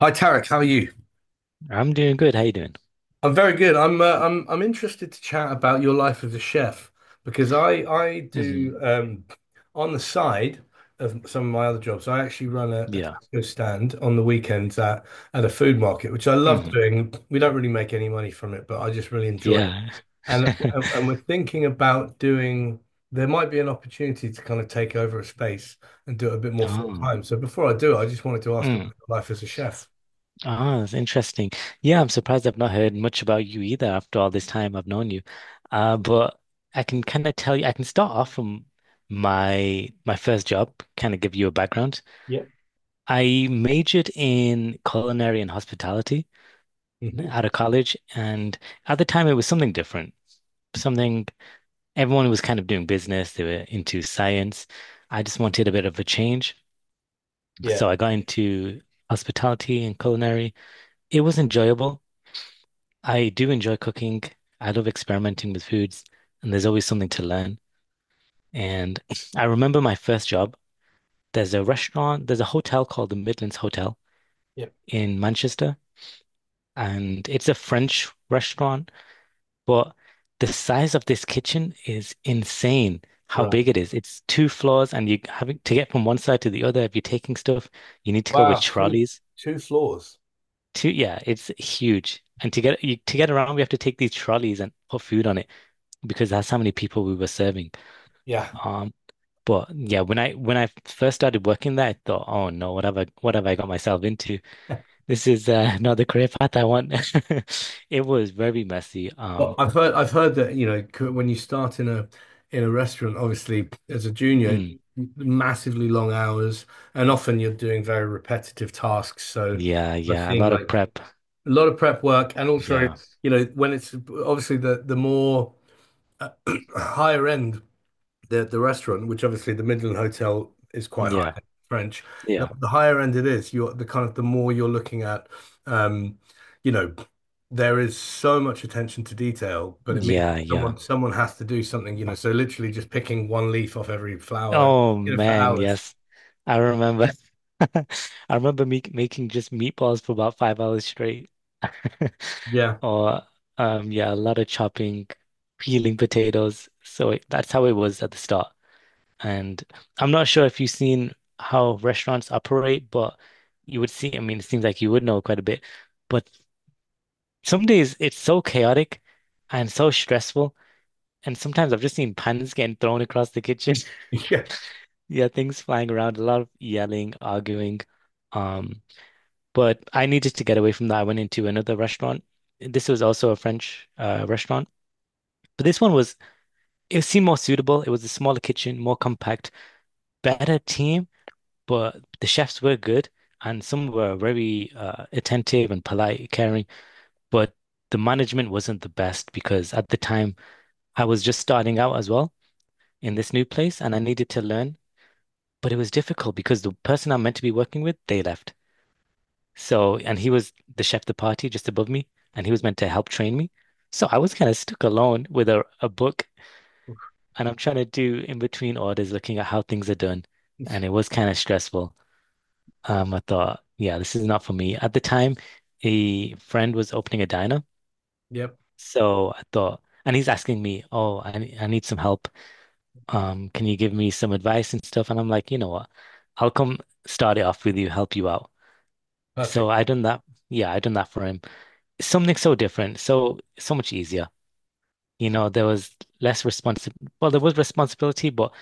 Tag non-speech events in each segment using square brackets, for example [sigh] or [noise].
Hi Tarek, how are you? I'm doing good. How you doing? I'm very good. I'm interested to chat about your life as a chef because I Hmm. do on the side of some of my other jobs. I actually run a Yeah. taco stand on the weekends at a food market, which I love Hmm. doing. We don't really make any money from it, but I just really enjoy it. Yeah. And we're thinking about doing. There might be an opportunity to kind of take over a space and do it a bit [laughs] more full Oh. time. So before I do, I just wanted to ask Mm. about your life as a chef. Oh, that's interesting. Yeah, I'm surprised I've not heard much about you either after all this time I've known you. But I can kind of tell you, I can start off from my first job, kind of give you a background. Yep. I majored in culinary and hospitality Hmm. out of college, and at the time it was something different. Something everyone was kind of doing business, they were into science. I just wanted a bit of a change. Yeah. So I got into hospitality and culinary. It was enjoyable. I do enjoy cooking. I love experimenting with foods, and there's always something to learn. And [sniffs] I remember my first job. There's a restaurant, there's a hotel called the Midlands Hotel Yep. in Manchester, and it's a French restaurant, but the size of this kitchen is insane. How Right. big it is. It's two floors, and you having to get from one side to the other. If you're taking stuff, you need to go with Wow, two trolleys. two floors. Two, yeah, it's huge. And to get you, to get around, we have to take these trolleys and put food on it because that's how many people we were serving. Yeah. Um, but yeah, when I first started working there, I thought, oh no, what have I got myself into? [laughs] This is [laughs] not the career path I want. [laughs] It was very messy. Well, I've heard that you know when you start in a restaurant, obviously as a junior, mm, massively long hours, and often you're doing very repetitive tasks. So yeah, I've yeah, a seen lot like of prep. a lot of prep work, and also Yeah, you know when it's obviously the more uh, [clears throat] higher end. The restaurant, which obviously the Midland Hotel is quite high yeah, end French. The, yeah, the higher end it is, you're the kind of the more you're looking at, um, you know, there is so much attention to detail, but it means yeah, someone yeah. someone has to do something, you know. So literally just picking one leaf off every flower, Oh you know, for man, hours. yes. I remember [laughs] I remember me making just meatballs for about 5 hours straight. [laughs] Yeah. Or yeah, a lot of chopping, peeling potatoes. So it, that's how it was at the start. And I'm not sure if you've seen how restaurants operate, but you would see, I mean, it seems like you would know quite a bit. But some days it's so chaotic and so stressful. And sometimes I've just seen pans getting thrown across the kitchen. [laughs] Yeah. Yeah, things flying around, a lot of yelling, arguing. Um, but I needed to get away from that. I went into another restaurant. This was also a French restaurant, but it seemed more suitable. It was a smaller kitchen, more compact, better team, but the chefs were good and some were very attentive and polite, caring, but the management wasn't the best because at the time I was just starting out as well in this new place and I needed to learn, but it was difficult because the person I'm meant to be working with, they left. So, and he was the chef de partie just above me, and he was meant to help train me. So I was kind of stuck alone with a book, and I'm trying to do in between orders, looking at how things are done. And it was kind of stressful. I thought, yeah, this is not for me. At the time, a friend was opening a diner. Yep. So I thought, and he's asking me, oh, I need some help. Can you give me some advice and stuff? And I'm like, you know what? I'll come start it off with you, help you out. So Perfect. I done that. Yeah, I done that for him. Something so different, so much easier. You know, there was less responsi well, there was responsibility, but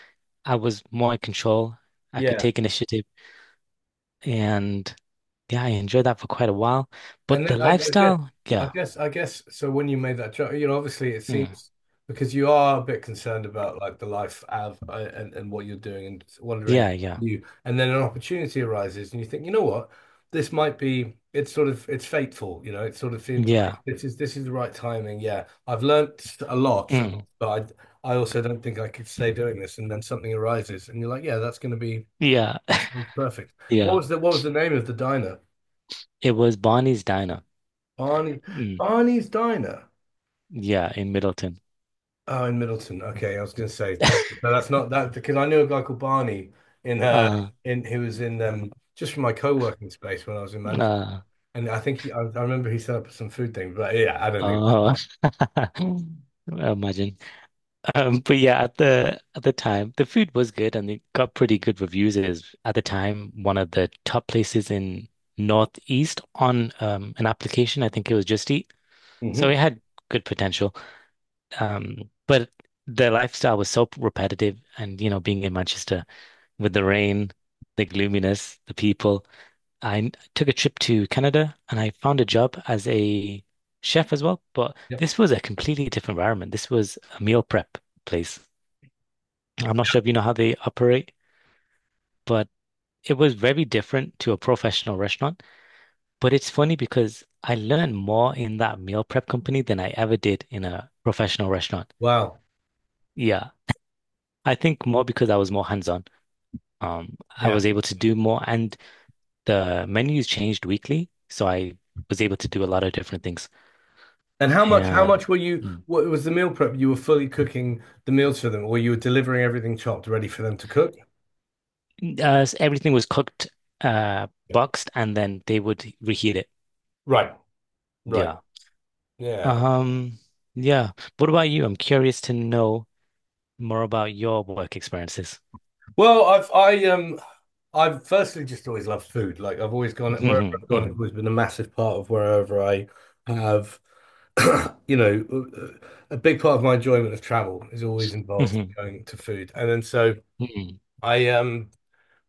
I was more in control. I could Yeah. take initiative and yeah, I enjoyed that for quite a while. And But the then guess, lifestyle, I yeah. guess, I guess. So when you made that joke, you know, obviously it Mm, seems because you are a bit concerned about like the life of and what you're doing and wondering if yeah, yeah. you, and then an opportunity arises and you think, you know what, this might be. It's sort of it's fateful, you know. It sort of seems like Yeah. this is the right timing. Yeah, I've learnt a lot from, Mm, but I also don't think I could stay doing this. And then something arises, and you're like, yeah, that's going to be yeah. it's [laughs] perfect. What Yeah. was the name of the diner? It was Barney's Diner. Barney, Mm, Barney's Diner. yeah, in Middleton. Oh, in Middleton. Okay, I was going to say that, but that's not that because I knew a guy called Barney in uh Uh. in who was in just from my co-working space when I was in Manchester, Uh. and I think I remember he set up some food thing, but yeah, I don't think. Oh. [laughs] Imagine. But yeah, at the time, the food was good and it got pretty good reviews. It is at the time one of the top places in Northeast on an application. I think it was Just Eat, Hmm. so it had good potential. But the lifestyle was so repetitive, and you know, being in Manchester with the rain, the gloominess, the people. Took a trip to Canada and I found a job as a chef as well. But Yep. this was a completely different environment. This was a meal prep place. I'm not sure if you know how they operate, but it was very different to a professional restaurant. But it's funny because I learned more in that meal prep company than I ever did in a professional restaurant. Wow. Yeah, I think more because I was more hands-on. Um, I Yeah. was able to do more, and the menus changed weekly, so I was able to do a lot of different things. And how much? How And much were you? mm, What was the meal prep? You were fully cooking the meals for them, or you were delivering everything chopped, ready for them to cook? Everything was cooked, Yeah. boxed, and then they would reheat it. Right. Right. Yeah. Yeah. Um, yeah. What about you? I'm curious to know more about your work experiences. Well, I've firstly just always loved food. Like I've always gone wherever Hmm. I've gone, it's Hmm. always been a massive part of wherever I have. [clears throat] You know, a big part of my enjoyment of travel is always involved in Hmm. going to food. And then so Hmm. I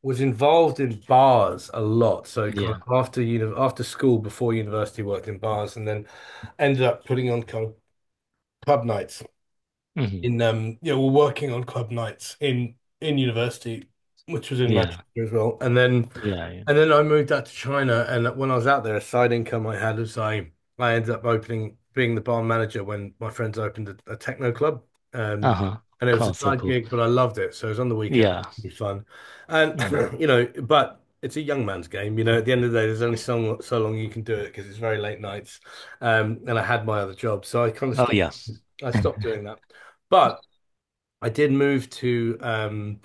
was involved in bars a lot. So kind Yeah. of after uni after school, before university, worked in bars, and then ended up putting on kind of pub nights Hmm. in yeah, we're working on club nights in university, which was in Manchester Yeah. as well. Yeah. Yeah. And then I moved out to China and when I was out there, a side income I had was I ended up opening being the bar manager when my friends opened a techno club. Um Uh-huh. and it was a Cool. So side cool. gig, but I loved it. So it was on the weekend, Yeah. it was fun. And Mm. [clears throat] you know, but it's a young man's game, you know, at the end of the day, there's only so long you can do it because it's very late nights. And I had my other job, so I kind of Oh, yeah. Stopped doing [laughs] that. But I did move to um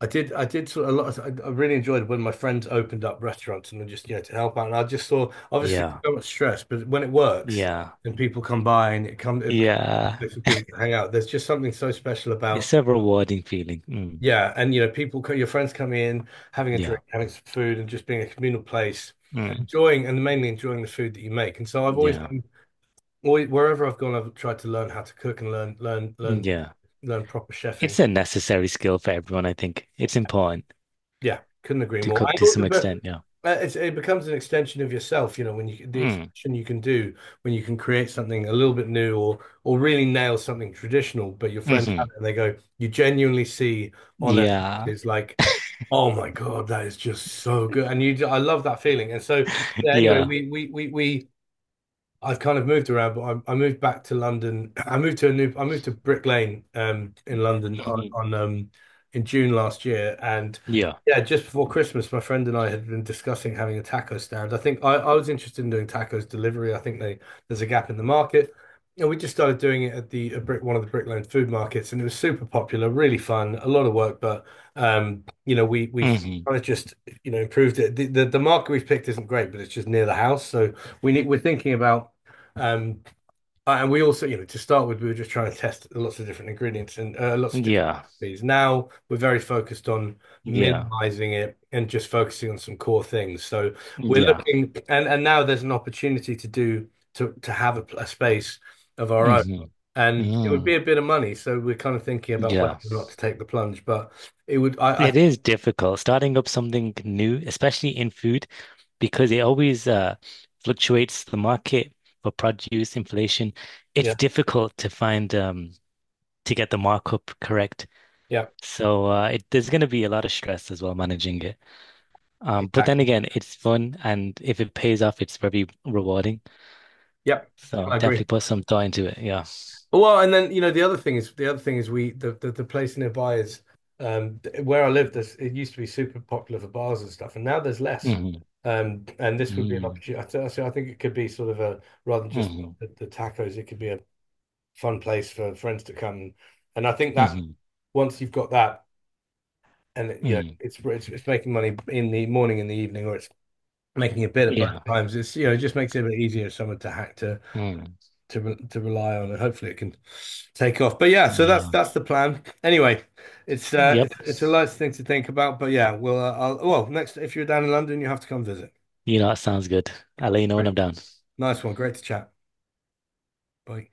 I did I did sort of a lot of, I really enjoyed when my friends opened up restaurants and just you know to help out, and I just saw obviously it's Yeah. so much stress, but when it works Yeah. and people come by and it becomes a Yeah. place for people to hang out. There's just something so special It's about a rewarding feeling. Mm. yeah, and you know your friends coming in, having a drink, Yeah. having some food, and just being a communal place and Mm. enjoying and mainly enjoying the food that you make. And so I've always Yeah. been always, wherever I've gone I've tried to learn how to cook and learn learn learn Yeah. learn proper chefing. It's a necessary skill for everyone, I think. It's important Yeah, couldn't agree to more. I cook to also, some but extent. Yeah. It's, it becomes an extension of yourself, you know, when you the Mm. expression you can do when you can create something a little bit new or really nail something traditional, but your friends have Hmm. it and they go, you genuinely see on their Yeah. faces like, oh my God, that is just so good, and you, I love that feeling. And so [laughs] yeah, anyway, Yeah. we I've kind of moved around, but I moved back to London. [clears throat] I moved to a new, I moved to Brick Lane, in London Mm-hmm. on in June last year, and Yeah. yeah, just before Christmas, my friend and I had been discussing having a taco stand. I think I was interested in doing tacos delivery. I think they there's a gap in the market, and we just started doing it at the at Brick one of the Brick Lane food markets, and it was super popular, really fun, a lot of work, but you know, we we've Hmm. kind of just you know improved it. The market we've picked isn't great, but it's just near the house, so we need we're thinking about. Um, and we also, you know, to start with, we were just trying to test lots of different ingredients and lots of different Yeah. recipes. Now we're very focused on Yeah. minimizing it and just focusing on some core things. So we're Yeah. looking, and now there's an opportunity to do to have a space of our own, Hmm. and it would be Mm. a bit of money. So we're kind of thinking about whether Yeah. or not to take the plunge, but it would, It is difficult starting up something new, especially in food, because it always fluctuates the market for produce, inflation. yeah, It's difficult to find to get the markup correct. yeah, So there's going to be a lot of stress as well managing it. But then exactly, again, it's fun, and if it pays off, it's very rewarding. yep, So I agree. definitely put some thought into it. Yeah. Well, and then you know the other thing is we the place nearby is um where I lived. This it used to be super popular for bars and stuff, and now there's less. Hmm. And this would be an Mm-hmm. opportunity. I, th so I think it could be sort of a rather than just Mm-hmm. the tacos, it could be a fun place for friends to come. And I think that Mhm. once you've got that, and you know Mm. It's making money in the morning, in the evening, or it's making a bit at both Yeah. times. It's you know it just makes it a bit easier for someone to hack Mm. to re- to rely on, and hopefully it can take off. But yeah, so Yeah. that's the plan. Anyway, Yep. It's a nice thing to think about. But yeah, well, well, next if you're down in London, you have to come visit. You know, it sounds good. I'll let you know when Great. I'm done. Nice one, great to chat. Bye.